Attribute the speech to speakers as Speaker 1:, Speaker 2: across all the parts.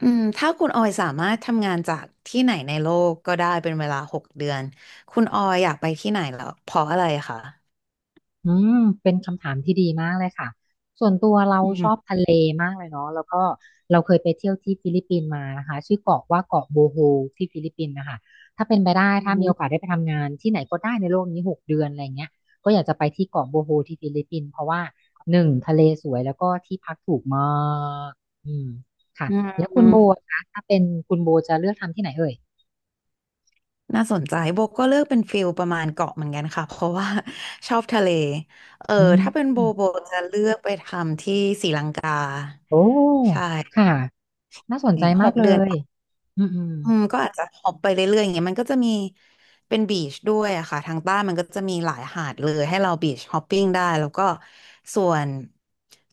Speaker 1: อืมถ้าคุณออยสามารถทำงานจากที่ไหนในโลกก็ได้เป็นเวลาหกเดือนคุณออยอยากไปที่ไหนเหรอเพราะอะไรคะ
Speaker 2: อืมเป็นคำถามที่ดีมากเลยค่ะส่วนตัวเรา
Speaker 1: อื
Speaker 2: ชอบ
Speaker 1: ม
Speaker 2: ทะเลมากเลยเนาะแล้วก็เราเคยไปเที่ยวที่ฟิลิปปินส์มานะคะชื่อเกาะว่าเกาะโบโฮที่ฟิลิปปินส์นะคะถ้าเป็นไปได้ถ้า
Speaker 1: อ
Speaker 2: มีโอกาสได้ไปทำงานที่ไหนก็ได้ในโลกนี้หกเดือนอะไรเงี้ยก็อยากจะไปที่เกาะโบโฮที่ฟิลิปปินส์เพราะว่าหนึ่งทะเลสวยแล้วก็ที่พักถูกมากอืมค่ะ
Speaker 1: ื
Speaker 2: แล้ว
Speaker 1: ม
Speaker 2: คุณโบคะถ้าเป็นคุณโบจะเลือกทำที่ไหนเอ่ย
Speaker 1: น่าสนใจโบก็เลือกเป็นฟิลประมาณเกาะเหมือนกันค่ะเพราะว่า ชอบทะเลเออ
Speaker 2: อืม
Speaker 1: ถ้าเป็นโบโบจะเลือกไปทำที่ศรีลังกา
Speaker 2: โอ้
Speaker 1: ใช่
Speaker 2: ค่ะน่าสนใจ
Speaker 1: ห
Speaker 2: มาก
Speaker 1: ก
Speaker 2: เล
Speaker 1: เดือน
Speaker 2: ยอืมอืม
Speaker 1: อืมก็อาจจะฮอปไปเรื่อยๆอย่างเงี้ยมันก็จะมีเป็นบีชด้วยอะค่ะทางใต้มันก็จะมีหลายหาดเลยให้เราบีชฮอปปิ้งได้แล้วก็ส่วน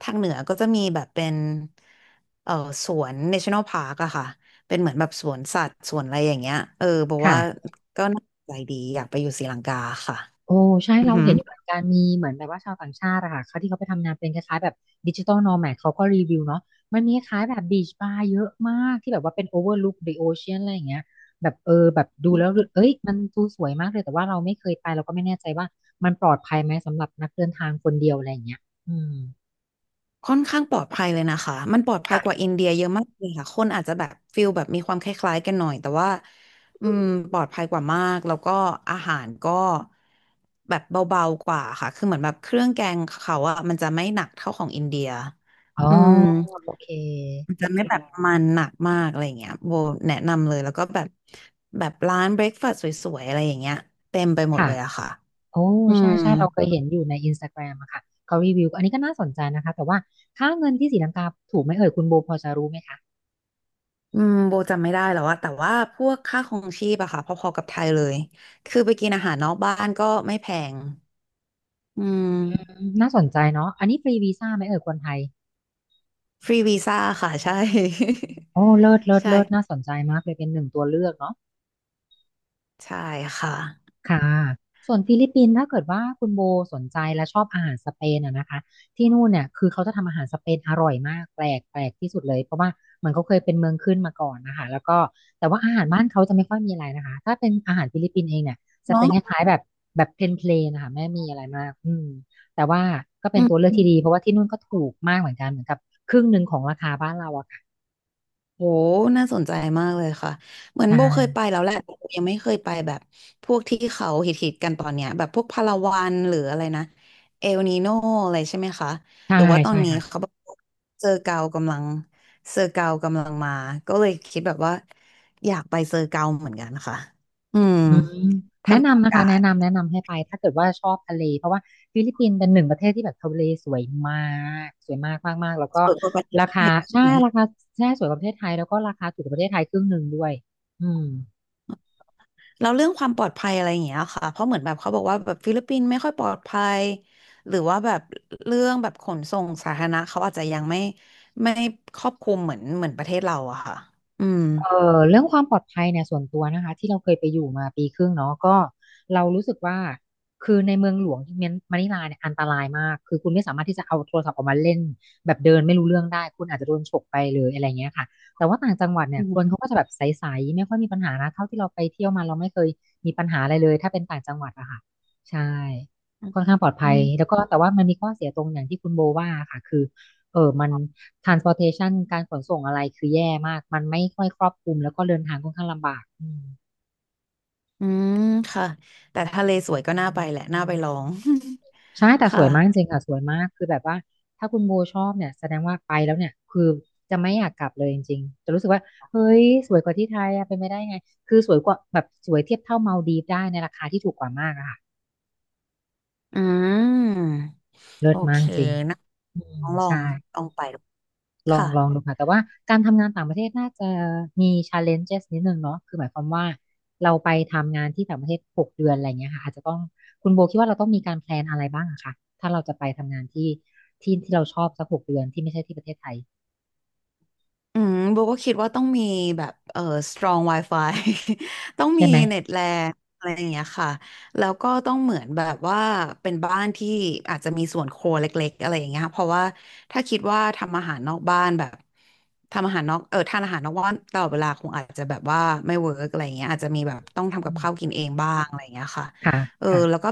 Speaker 1: ทางเหนือก็จะมีแบบเป็นเอ่อสวน National Park อะค่ะเป็นเหมือนแบบสวนสัตว์สวนอะไรอย่างเงี้ยเออบอกว่า
Speaker 2: ค่ะ
Speaker 1: ก็น่าสนใจดีอยากไปอยู่ศรีลังกาค่ะ
Speaker 2: โอ้ใช่
Speaker 1: อือ
Speaker 2: เรา
Speaker 1: หือ
Speaker 2: เห็นอยู่เหมือนกันมีเหมือนแบบว่าชาวต่างชาติอะค่ะเขาที่เขาไปทำงานเป็นคล้ายๆแบบดิจิ t a ล n o แม d เขาก็รีวิวเนาะมันมีคล้ายแบบบีชบาร์เยอะมากที่แบบว่าเป็นโอเวอร์ลุคเดอะโอเชียนอะไรอย่างเงี้ยแบบดูแล้วเอ้ยมันดูสวยมากเลยแต่ว่าเราไม่เคยไปเราก็ไม่แน่ใจว่ามันปลอดภัยไหมสำหรับนักเดินทางคนเดียวอะไรอย่างเงี้ยอืม
Speaker 1: ค่อนข้างปลอดภัยเลยนะคะ มันปลอดภัยกว่า
Speaker 2: ค่ะ
Speaker 1: อินเดียเยอะมากเลยค่ะคนอาจจะแบบฟิลแบบมีความคล้ายๆกันหน่อยแต่ว่าอืมปลอดภัยกว่ามาก แล้วก็อาหารก็แบบเบาๆกว่าค่ะคือเหมือนแบบเครื่องแกงเขาอะมันจะไม่หนักเท่าของอินเดีย
Speaker 2: อ๋อ
Speaker 1: อืม
Speaker 2: โอเค
Speaker 1: มันจะไม่แบบมันหนักมากอะไรอย่างเงี้ยโบแนะนำเลยแล้วก็แบบแบบร้านเบรคฟาสต์สวยๆอะไรอย่างเงี้ยเต็มไปหมด
Speaker 2: ค่ะ
Speaker 1: เลยอะค่ะ
Speaker 2: โอ้
Speaker 1: อื
Speaker 2: ใช่
Speaker 1: ม
Speaker 2: ใช่เราเคยเห็นอยู่ในอินสตาแกรมอะค่ะเขารีวิวอันนี้ก็น่าสนใจนะคะแต่ว่าค่าเงินที่ศรีลังกาถูกไหมเอ่ยคุณโบพอจะรู้ไหมคะ
Speaker 1: อืมโบจำไม่ได้แล้วอะแต่ว่าพวกค่าครองชีพอะค่ะพอๆกับไทยเลยคือไปกินอาหารนอกบ้านก็ไม่แพงอืม
Speaker 2: อืมน่าสนใจเนาะอันนี้ฟรีวีซ่าไหมเอ่ยคนไทย
Speaker 1: ฟรีวีซ่าค่ะใช่
Speaker 2: โอ้เลิศเลิ ศ
Speaker 1: ใช่
Speaker 2: เลิศน่าสนใจมากเลยเป็นหนึ่งตัวเลือกเนาะ
Speaker 1: ใช่ค่ะ
Speaker 2: ค่ะส่วนฟิลิปปินส์ถ้าเกิดว่าคุณโบสนใจและชอบอาหารสเปนอะนะคะที่นู่นเนี่ยคือเขาจะทำอาหารสเปนอร่อยมากแปลกแปลกที่สุดเลยเพราะว่ามันเขาเคยเป็นเมืองขึ้นมาก่อนนะคะแล้วก็แต่ว่าอาหารบ้านเขาจะไม่ค่อยมีอะไรนะคะถ้าเป็นอาหารฟิลิปปินส์เองเนี่ยจะเป็นค
Speaker 1: เนาะ
Speaker 2: ล้ายๆแบบแบบเพลนเพลนนะคะไม่มีอะไรมากแต่ว่าก็เป็น
Speaker 1: อื
Speaker 2: ตัวเลือกที่ดี
Speaker 1: ม
Speaker 2: เพราะว่าที่นู่นก็ถูกมากเหมือนกันเหมือนกับครึ่งหนึ่งของราคาบ้านเราอะค่ะ
Speaker 1: โหน่าสนใจมากเลยค่ะ เหมือ
Speaker 2: ใช
Speaker 1: นโบเคยไป
Speaker 2: ่
Speaker 1: แล้วแหละแต่โบยังไม่เคยไปแบบพวกที่เขาฮิตๆกันตอนเนี้ยแบบพวกพาราวันหรืออะไรนะเอลนีโนอะไรใช่ไหมคะ
Speaker 2: ใช่
Speaker 1: หรือว่าตอ
Speaker 2: ใช่
Speaker 1: นนี้
Speaker 2: ค่ะ
Speaker 1: เขาแบบเซอร์เกากำลังเซอร์เกากำลังมาก็เลยคิดแบบว่าอยากไปเซอร์เกาเหมือนกันค่ะอืม
Speaker 2: อืม
Speaker 1: ถ้า
Speaker 2: แนะ
Speaker 1: มีโอ
Speaker 2: นำนะ
Speaker 1: กา
Speaker 2: คะแนะ
Speaker 1: ส
Speaker 2: นำแนะนำให้ไปถ้าเกิดว่าชอบทะเลเพราะว่าฟิลิปปินส์เป็นหนึ่งประเทศที่แบบทะเลสวยมากสวยมากมากมาก แล้วก็
Speaker 1: เปิดก็ไป
Speaker 2: ราคาใช่ราคาใช่สวยกว่าประเทศไทย แล้วก็ราคาถูกกว่าประเทศไทยครึ่งหนึ่งด้วยอืม
Speaker 1: แล้วเรื่องความปลอดภัยอะไรอย่างเงี้ยค่ะเพราะเหมือนแบบเขาบอกว่าแบบฟิลิปปินส์ไม่ค่อยปลอดภัย หรือว่าแบบเรื่องแบบขนส่งสาธารณะเขาอาจจะยังไม่ครอบคลุมเหมือนประเทศเราอะค่ะอืม
Speaker 2: เรื่องความปลอดภัยเนี่ยส่วนตัวนะคะที่เราเคยไปอยู่มาปีครึ่งเนาะก็เรารู้สึกว่าคือในเมืองหลวงที่เมยนมะนิลาเนี่ยอันตรายมากคือคุณไม่สามารถที่จะเอาโทรศัพท์ออกมาเล่นแบบเดินไม่รู้เรื่องได้คุณอาจจะโดนฉกไปเลยอะไรเงี้ยค่ะแต่ว่าต่างจังหวัดเนี่ย
Speaker 1: อื
Speaker 2: คน
Speaker 1: ม
Speaker 2: เขาก็จะแบบใสๆไม่ค่อยมีปัญหานะเท่าที่เราไปเที่ยวมาเราไม่เคยมีปัญหาอะไรเลยถ้าเป็นต่างจังหวัดอะค่ะใช่ค่อนข้างปลอด
Speaker 1: อื
Speaker 2: ภัย
Speaker 1: ม
Speaker 2: แล้วก็แต่ว่ามันมีข้อเสียตรงอย่างที่คุณโบว่าค่ะคือ มัน transportation การขนส่งอะไรคือแย่มาก มันไม่ค่อยครอบคลุมแล้วก็เดินทางค่อนข้างลำบาก
Speaker 1: อืมค่ะแต่ทะเลสวยก็น่าไปแหละน่าไปลอง
Speaker 2: ใช่แต่
Speaker 1: ค
Speaker 2: สวยมากจ
Speaker 1: ่ะ
Speaker 2: ริงๆค่ะสวยมากคือแบบว่าถ้าคุณโบชอบเนี่ยแสดงว่าไปแล้วเนี่ยคือจะไม่อยากกลับเลยจริงๆจะรู้สึกว่าเฮ้ยสวยกว่าที่ไทยอะเป็นไม่ได้ไง คือสวยกว่าแบบสวยเทียบเท่ามาลดีฟได้ในราคาที่ถูกกว่ามากอะค่ะ
Speaker 1: อืม
Speaker 2: เลิ
Speaker 1: โอ
Speaker 2: ศมา
Speaker 1: เค
Speaker 2: กจริง
Speaker 1: นะลองลอง
Speaker 2: ใช่
Speaker 1: ลองไปดู
Speaker 2: ลอง
Speaker 1: ค่ะ
Speaker 2: ลองดูค่ะแต่ว่าการทำงานต่างประเทศน่าจะมี challenges นิดนึงเนาะคือหมายความว่าเราไปทำงานที่ต่างประเทศหกเดือนอะไรเงี้ยค่ะอาจจะต้องคุณโบคิดว่าเราต้องมีการแพลนอะไรบ้างอะคะถ้าเราจะไปทำงานที่ที่ที่เราชอบสักหกเดือนที่ไม่ใช่ที่ประเทศไทย
Speaker 1: อืมโบก็คิดว่าต้องมีแบบstrong wifi ต้อง
Speaker 2: ใช่
Speaker 1: มี
Speaker 2: ไหม
Speaker 1: เน็ตแรงอะไรอย่างเงี้ยค่ะแล้วก็ต้องเหมือนแบบว่าเป็นบ้านที่อาจจะมีส่วนครัวเล็กๆอะไรอย่างเงี้ยค่ะเพราะว่าถ้าคิดว่าทำอาหารนอกบ้านแบบทำอาหารนอกทานอาหารนอกบ้านตลอดเวลาคงอาจจะแบบว่าไม่เวิร์กอะไรอย่างเงี้ยอาจจะมีแบบต้อง
Speaker 2: อื
Speaker 1: ทำกับ
Speaker 2: ม
Speaker 1: ข้าวกินเองบ้างอะไรอย่างเงี้ยค่ะ
Speaker 2: ค่ะ
Speaker 1: เออ
Speaker 2: ค่ะ
Speaker 1: แล้วก็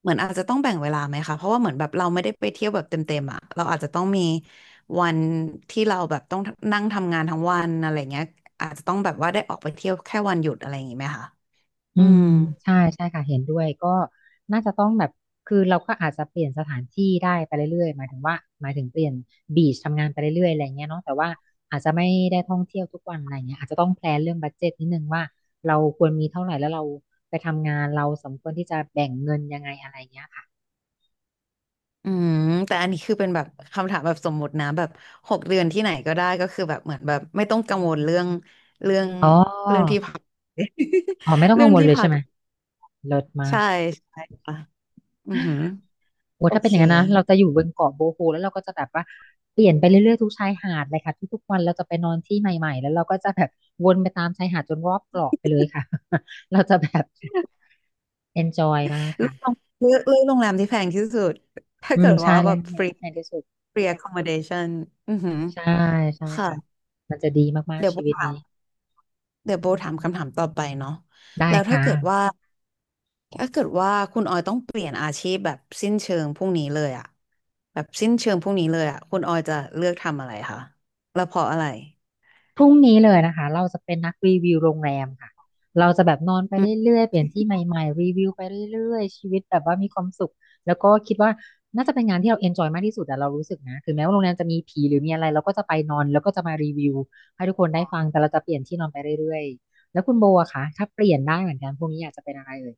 Speaker 1: เหมือนอาจจะต้องแบ่งเวลาไหมคะเพราะว่าเหมือนแบบเราไม่ได้ไปเที่ยวแบบเต็มๆอ่ะเราอาจจะต้องมี วันที่เราแบบต้องนั่งทำงานทั้งวันอะไรเงี้ยอาจจะต้องแบบว่าได้ออกไปเที่ยวแค่วันหยุดอะไรอย่างงี้ไหมคะ
Speaker 2: อื
Speaker 1: อืม
Speaker 2: มใช่ใช่ค่ะเห็นด้วยก็น่าจะต้องแบบคือเราก็อาจจะเปลี่ยนสถานที่ได้ไปเรื่อยๆหมายถึงว่าหมายถึงเปลี่ยนบีชทำงานไปเรื่อยๆอะไรเงี้ยเนาะแต่ว่าอาจจะไม่ได้ท่องเที่ยวทุกวันอะไรเงี้ยอาจจะต้องแพลนเรื่องบัดเจ็ตนิดนึงว่าเราควรมีเท่าไหร่แล้วเราไปทำงานเราสมควรที่จะแบ่งเงินยังไงอะไรเงี้ยค่ะ
Speaker 1: อืมแต่อันนี้คือเป็นแบบคำถามแบบสมมุตินะแบบหกเดือนที่ไหนก็ได้ก็คือแบบเหมือนแบบไม่ต้องกังวลเรื่อง
Speaker 2: อ๋
Speaker 1: เรื่อง
Speaker 2: อ
Speaker 1: ที่พัก
Speaker 2: อ๋อไม่ต้ อง
Speaker 1: เรื่
Speaker 2: กั
Speaker 1: อ
Speaker 2: ง
Speaker 1: ง
Speaker 2: วล
Speaker 1: ที่
Speaker 2: เลย
Speaker 1: พั
Speaker 2: ใช่
Speaker 1: ก
Speaker 2: ไหมเลิศมา
Speaker 1: ใช่
Speaker 2: ก
Speaker 1: ใช่ค่ะอือหือ
Speaker 2: โอ้
Speaker 1: โอ
Speaker 2: ถ้าเป็น
Speaker 1: เค
Speaker 2: อย่างนั้นนะเราจะอยู่บนเกาะโบโฮแล้วเราก็จะแบบว่าเปลี่ยนไปเรื่อยๆทุกชายหาดเลยค่ะทุกๆวันเราจะไปนอนที่ใหม่ๆแล้วเราก็จะแบบวนไปตามชายหาดจนรอบเกาะไปเลยค่ะ เราจะแบบ enjoy มากค่ะ
Speaker 1: เลือกโรงแรมที่แพงที่สุดถ้า
Speaker 2: อื
Speaker 1: เกิ
Speaker 2: ม
Speaker 1: ด
Speaker 2: ใช่
Speaker 1: ว่าแบ
Speaker 2: แล้ว
Speaker 1: บฟ
Speaker 2: งาน
Speaker 1: รี
Speaker 2: ที่แพงที่สุด
Speaker 1: free accommodation อือหือ
Speaker 2: ใช่ใช่
Speaker 1: ค่ะ
Speaker 2: ค่ะมันจะดีมาก
Speaker 1: เดี๋ยว
Speaker 2: ๆชี
Speaker 1: บุม
Speaker 2: วิต
Speaker 1: ถาม
Speaker 2: นี้
Speaker 1: เดี๋ยวโบถามคำถามต่อไปเนาะ
Speaker 2: ได้
Speaker 1: แล้วถ้า
Speaker 2: ค่ะ
Speaker 1: เกิดว่าถ้าเกิดว่าคุณออยต้องเปลี่ยนอาชีพแบบสิ้นเชิงพรุ่งนี้เลยอะแบบสิ้นเชิงพรุ่งนี้เลยอะคุณออยจะเลือกทำอะไรคะแล้วเพราะอะไร
Speaker 2: พรุ่งนี้เลยนะคะเราจะเป็นนักรีวิวโรงแรมค่ะเราจะแบบนอนไป
Speaker 1: อื
Speaker 2: เรื่อยๆเปลี่ยนที่ใหม่ๆรีวิวไปเรื่อยๆชีวิตแบบว่ามีความสุขแล้วก็คิดว่าน่าจะเป็นงานที่เราเอนจอยมากที่สุดแต่เรารู้สึกนะถึงแม้ว่าโรงแรมจะมีผีหรือมีอะไรเราก็จะไปนอนแล้วก็จะมารีวิวให้ทุกคนได้ฟังแต่เราจะเปลี่ยนที่นอนไปเรื่อยๆแล้วคุณโบอะคะถ้าเปลี่ยนได้เหมือนกันพรุ่งนี้อยากจะเป็นอะไรเอ่ย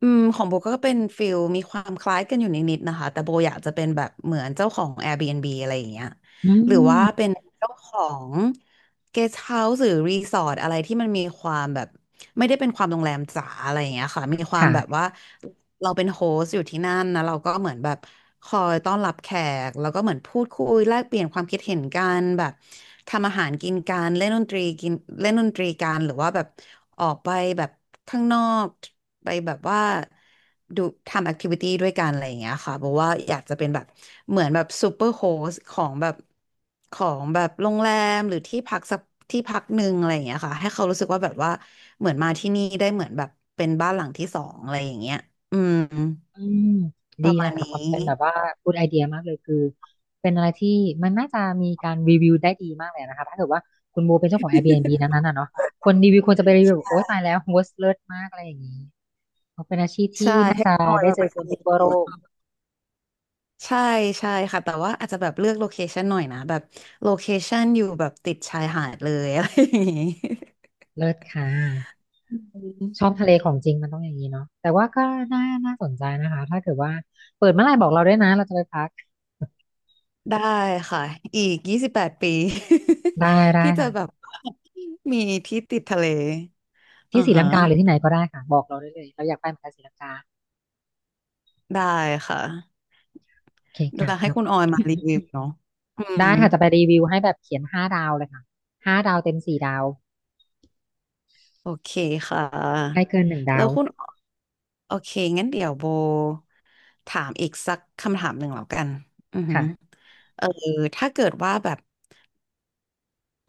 Speaker 1: อืมของโบก็เป็นฟิลมีความคล้ายกันอยู่นิดๆนะคะแต่โบอยากจะเป็นแบบเหมือนเจ้าของ Airbnb อะไรอย่างเงี้ย
Speaker 2: อื
Speaker 1: หรือว่าเป็น
Speaker 2: ม
Speaker 1: เจ้าของ guest house หรือรีสอร์ทอะไรที่มันมีความแบบไม่ได้เป็นความโรงแรมจ๋าอะไรอย่างเงี้ยค่ะมีความ
Speaker 2: ค่ะ
Speaker 1: แบบว่าเราเป็นโฮสต์อยู่ที่นั่นนะเราก็เหมือนแบบคอยต้อนรับแขกแล้วก็เหมือนพูดคุยแลกเปลี่ยนความคิดเห็นกันแบบทำอาหารกินกันเล่นดนตรีกันหรือว่าแบบ ออกไปแบบข้างนอกไปแบบว่าดูทำแอคทิวิตี้ด้วยกันอะไรอย่างเงี้ยค่ะบอกว่าอยากจะเป็นแบบเหมือนแบบซูเปอร์โฮสของแบบของแบบโรงแรมหรือที่พักสักที่พักหนึ่งอะไรอย่างเงี้ยค่ะให้เขารู้สึกว่าแบบว่าเหมือนมาที่นี่ได้เหมือนแบบเป็นบ้านหลังที่สองอะไรอย่างเงี้ยอืม
Speaker 2: อืม
Speaker 1: ป
Speaker 2: ดี
Speaker 1: ระมา
Speaker 2: นะ
Speaker 1: ณ
Speaker 2: ค่ะความ
Speaker 1: นี้
Speaker 2: เป็นแบบว่าพูดไอเดียมากเลยคือเป็นอะไรที่มันน่าจะมีการรีวิวได้ดีมากเลยนะคะถ้าเกิดว่าคุณโบเป็นเจ้าของ Airbnb นั้นๆนะเนาะคนรีวิวควรจะไปรีวิวแบบโอ๊ยตายแล้ว worst เลิศมากอะไรอย่างนี้เพราะเป็นอาชีพที่
Speaker 1: ใช่
Speaker 2: น่า
Speaker 1: ให้
Speaker 2: จะ
Speaker 1: ออย
Speaker 2: ได้
Speaker 1: มา
Speaker 2: เจ
Speaker 1: ป
Speaker 2: อ
Speaker 1: ระช
Speaker 2: คนแบบทั่วโลก
Speaker 1: น ใช่ใช่ค่ะแต่ว่าอาจจะแบบเลือกโลเคชันหน่อยนะแบบโลเคชันอยู่แบบติดชายหาดเลย อะไรอย่างงี้
Speaker 2: เลิศค่ะ
Speaker 1: อืม
Speaker 2: ชอบทะเลของจริงมันต้องอย่างนี้เนาะแต่ว่าก็น่าสนใจนะคะถ้าเกิดว่าเปิดเมื่อไหร่บอกเราด้วยนะเราจะไปพัก
Speaker 1: ได้ค่ะอีก28ปี
Speaker 2: ได้ ได้
Speaker 1: ที่จะ
Speaker 2: ค่ะ
Speaker 1: แบบว่ามีที่ติดทะเลอื
Speaker 2: ที่
Speaker 1: อ
Speaker 2: ศรีลั
Speaker 1: ฮะ
Speaker 2: งกาหรือที่ไหนก็ได้ค่ะบอกเราได้เลยเราอยากไปเหมือนกันศรีลังกา
Speaker 1: ได้ค่ะ
Speaker 2: โอเคค่ะ
Speaker 1: แล้วให้
Speaker 2: แล้
Speaker 1: คุณออยมารีวิวเนาะอืม
Speaker 2: ได้ค่ะจะไปรีวิวให้แบบเขียนห้าดาวเลยค่ะห้าดาวเต็ม4 ดาว
Speaker 1: โอเคค่
Speaker 2: ให้
Speaker 1: ะ
Speaker 2: เกินหนึ่งดา
Speaker 1: แล้ว
Speaker 2: ว
Speaker 1: คุณโอเคงั้นเดี๋ยวโบถามอีกสักคำถามหนึ่งแล้วกันอือฮึ
Speaker 2: ค่ะ
Speaker 1: เออถ้าเกิดว่าแบบ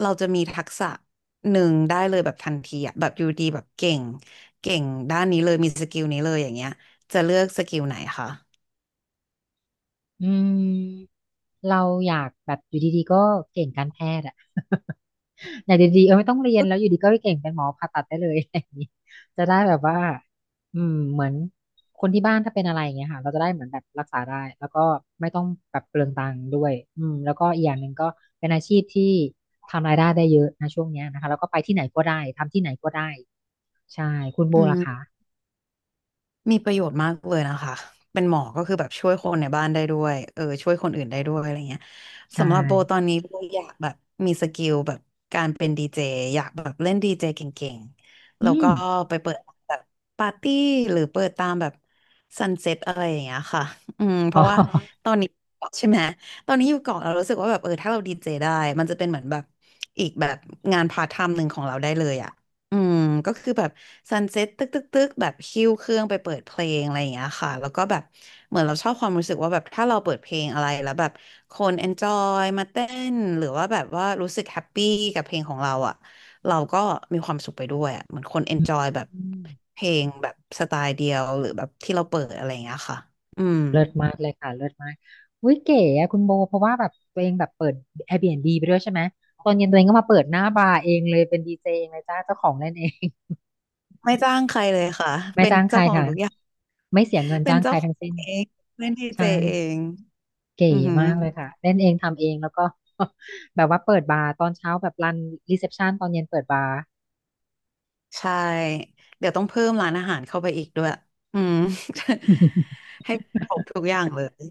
Speaker 1: เราจะมีทักษะหนึ่งได้เลยแบบทันทีอะแบบอยู่ดีแบบเก่งด้านนี้เลยมีสกิลนี้เลยอย่างเงี้ยจะเลือกสกิลไหนคะ
Speaker 2: อืมเราอยากแบบอยู่ดีๆก็เก่งการแพทย์อะ ไานดีๆเออไม่ต้องเรียนแล้วอยู่ดีก็เก่งเป็นหมอผ่าตัดได้เลย อะไรอย่างนี้จะได้แบบว่าอืมเหมือนคนที่บ้านถ้าเป็นอะไรอย่างเงี้ยค่ะเราจะได้เหมือนแบบรักษาได้แล้วก็ไม่ต้องแบบเปลืองตังค์ด้วยอืมแล้วก็อีกอย่างหนึ่งก็เป็นอาชีพที่ทำรายได้ได้เยอะนะช่วงเนี้ยนะคะแล้วก็ไปที่ไหนก็ได้ทำที่ไหนก็ได้ใช่คุณโบ
Speaker 1: อื
Speaker 2: ล่ะคะ
Speaker 1: ม มีประโยชน์มากเลยนะคะเป็นหมอก็คือแบบช่วยคนในบ้านได้ด้วยช่วยคนอื่นได้ด้วยอะไรเงี้ย
Speaker 2: ใช่
Speaker 1: สำหรับโบตอนนี้โบอยากแบบมีสกิลแบบการเป็นดีเจอยากแบบเล่นดีเจเก่งๆแล้
Speaker 2: อื
Speaker 1: วก็
Speaker 2: ม
Speaker 1: ไปเปิดแบบปาร์ตี้หรือเปิดตามแบบซันเซ็ตอะไรอย่างเงี้ยค่ะอืมเพ
Speaker 2: อ๋
Speaker 1: ราะว่า
Speaker 2: อ
Speaker 1: ตอนนี้เกาะใช่ไหมตอนนี้อยู่เกาะเรารู้สึกว่าแบบถ้าเราดีเจได้มันจะเป็นเหมือนแบบอีกแบบงานพาร์ทไทม์หนึ่งของเราได้เลยอะ อืมก็คือแบบซันเซ็ตตึกตึกตึกแบบคิวเครื่องไปเปิดเพลงอะไรอย่างเงี้ยค่ะแล้วก็แบบเหมือนเราชอบความรู้สึกว่าแบบถ้าเราเปิดเพลงอะไรแล้วแบบคนเอนจอยมาเต้นหรือว่าแบบว่ารู้สึกแฮปปี้กับเพลงของเราอ่ะเราก็มีความสุขไปด้วยอ่ะเหมือนคนเอนจอยแบบ
Speaker 2: อืม
Speaker 1: เพลงแบบสไตล์เดียวหรือแบบที่เราเปิดอะไรอย่างเงี้ยค่ะอืม
Speaker 2: เลิศมากเลยค่ะเลิศมากอุ้ยเก๋อะคุณโบเพราะว่าแบบตัวเองแบบเปิด Airbnb ไปด้วยใช่ไหม ตอนเย็นตัวเองก็มาเปิดหน้าบาร์เองเลยเป็นดีเจเองเลยจ้าเจ้าของเล่นเอง
Speaker 1: ไม่จ้างใครเลยค่ะ
Speaker 2: ไม่
Speaker 1: เป็น
Speaker 2: จ้างใค
Speaker 1: เจ้า
Speaker 2: ร
Speaker 1: ของ
Speaker 2: ค่ะ
Speaker 1: ทุกอย่าง
Speaker 2: ไม่เสียเงิน
Speaker 1: เป็น
Speaker 2: จ้างใค
Speaker 1: เจ้า
Speaker 2: ร
Speaker 1: ขอ
Speaker 2: ทั้ง
Speaker 1: ง
Speaker 2: สิ้น
Speaker 1: เองเป็นดีเจ
Speaker 2: ใช่
Speaker 1: เอง
Speaker 2: เก๋
Speaker 1: อือหือ
Speaker 2: มากเลยค่ะเล่นเองทำเองแล้วก็ แบบว่าเปิดบาร์ตอนเช้าแบบรันรีเซพชันตอนเย็นเปิดบาร์
Speaker 1: ใช่เดี๋ยวต้องเพิ่มร้านอาหารเข้าไปอีกด้วยอืม ให้ครบทุกอย่างเลย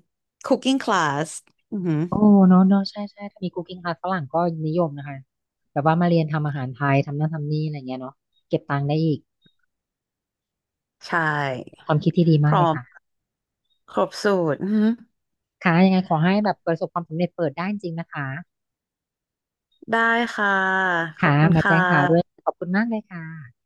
Speaker 1: Cooking Class อือหือ
Speaker 2: โอ้เนาะเนาะใช่ใช่ถ้ามี Cooking Class ฝรั่งก็นิยมนะคะแบบว่ามาเรียนทำอาหารไทยทำนั่นทำนี่อะไรเงี้ยเนาะเก็บตังค์ได้อีก
Speaker 1: ใช่
Speaker 2: ความคิดที่ดี
Speaker 1: พ
Speaker 2: มาก
Speaker 1: ร้
Speaker 2: เล
Speaker 1: อ
Speaker 2: ย
Speaker 1: ม
Speaker 2: ค่ะ
Speaker 1: ครบสูตรอือหือ
Speaker 2: ค่ะยังไงขอให้แบบประสบความสำเร็จเปิดได้จริงๆนะคะ
Speaker 1: ได้ค่ะขอ
Speaker 2: ค่ะ
Speaker 1: บคุณ
Speaker 2: มา
Speaker 1: ค่ะ
Speaker 2: แจ้งข่าวด้วย ขอบคุณมากเลยค่ะ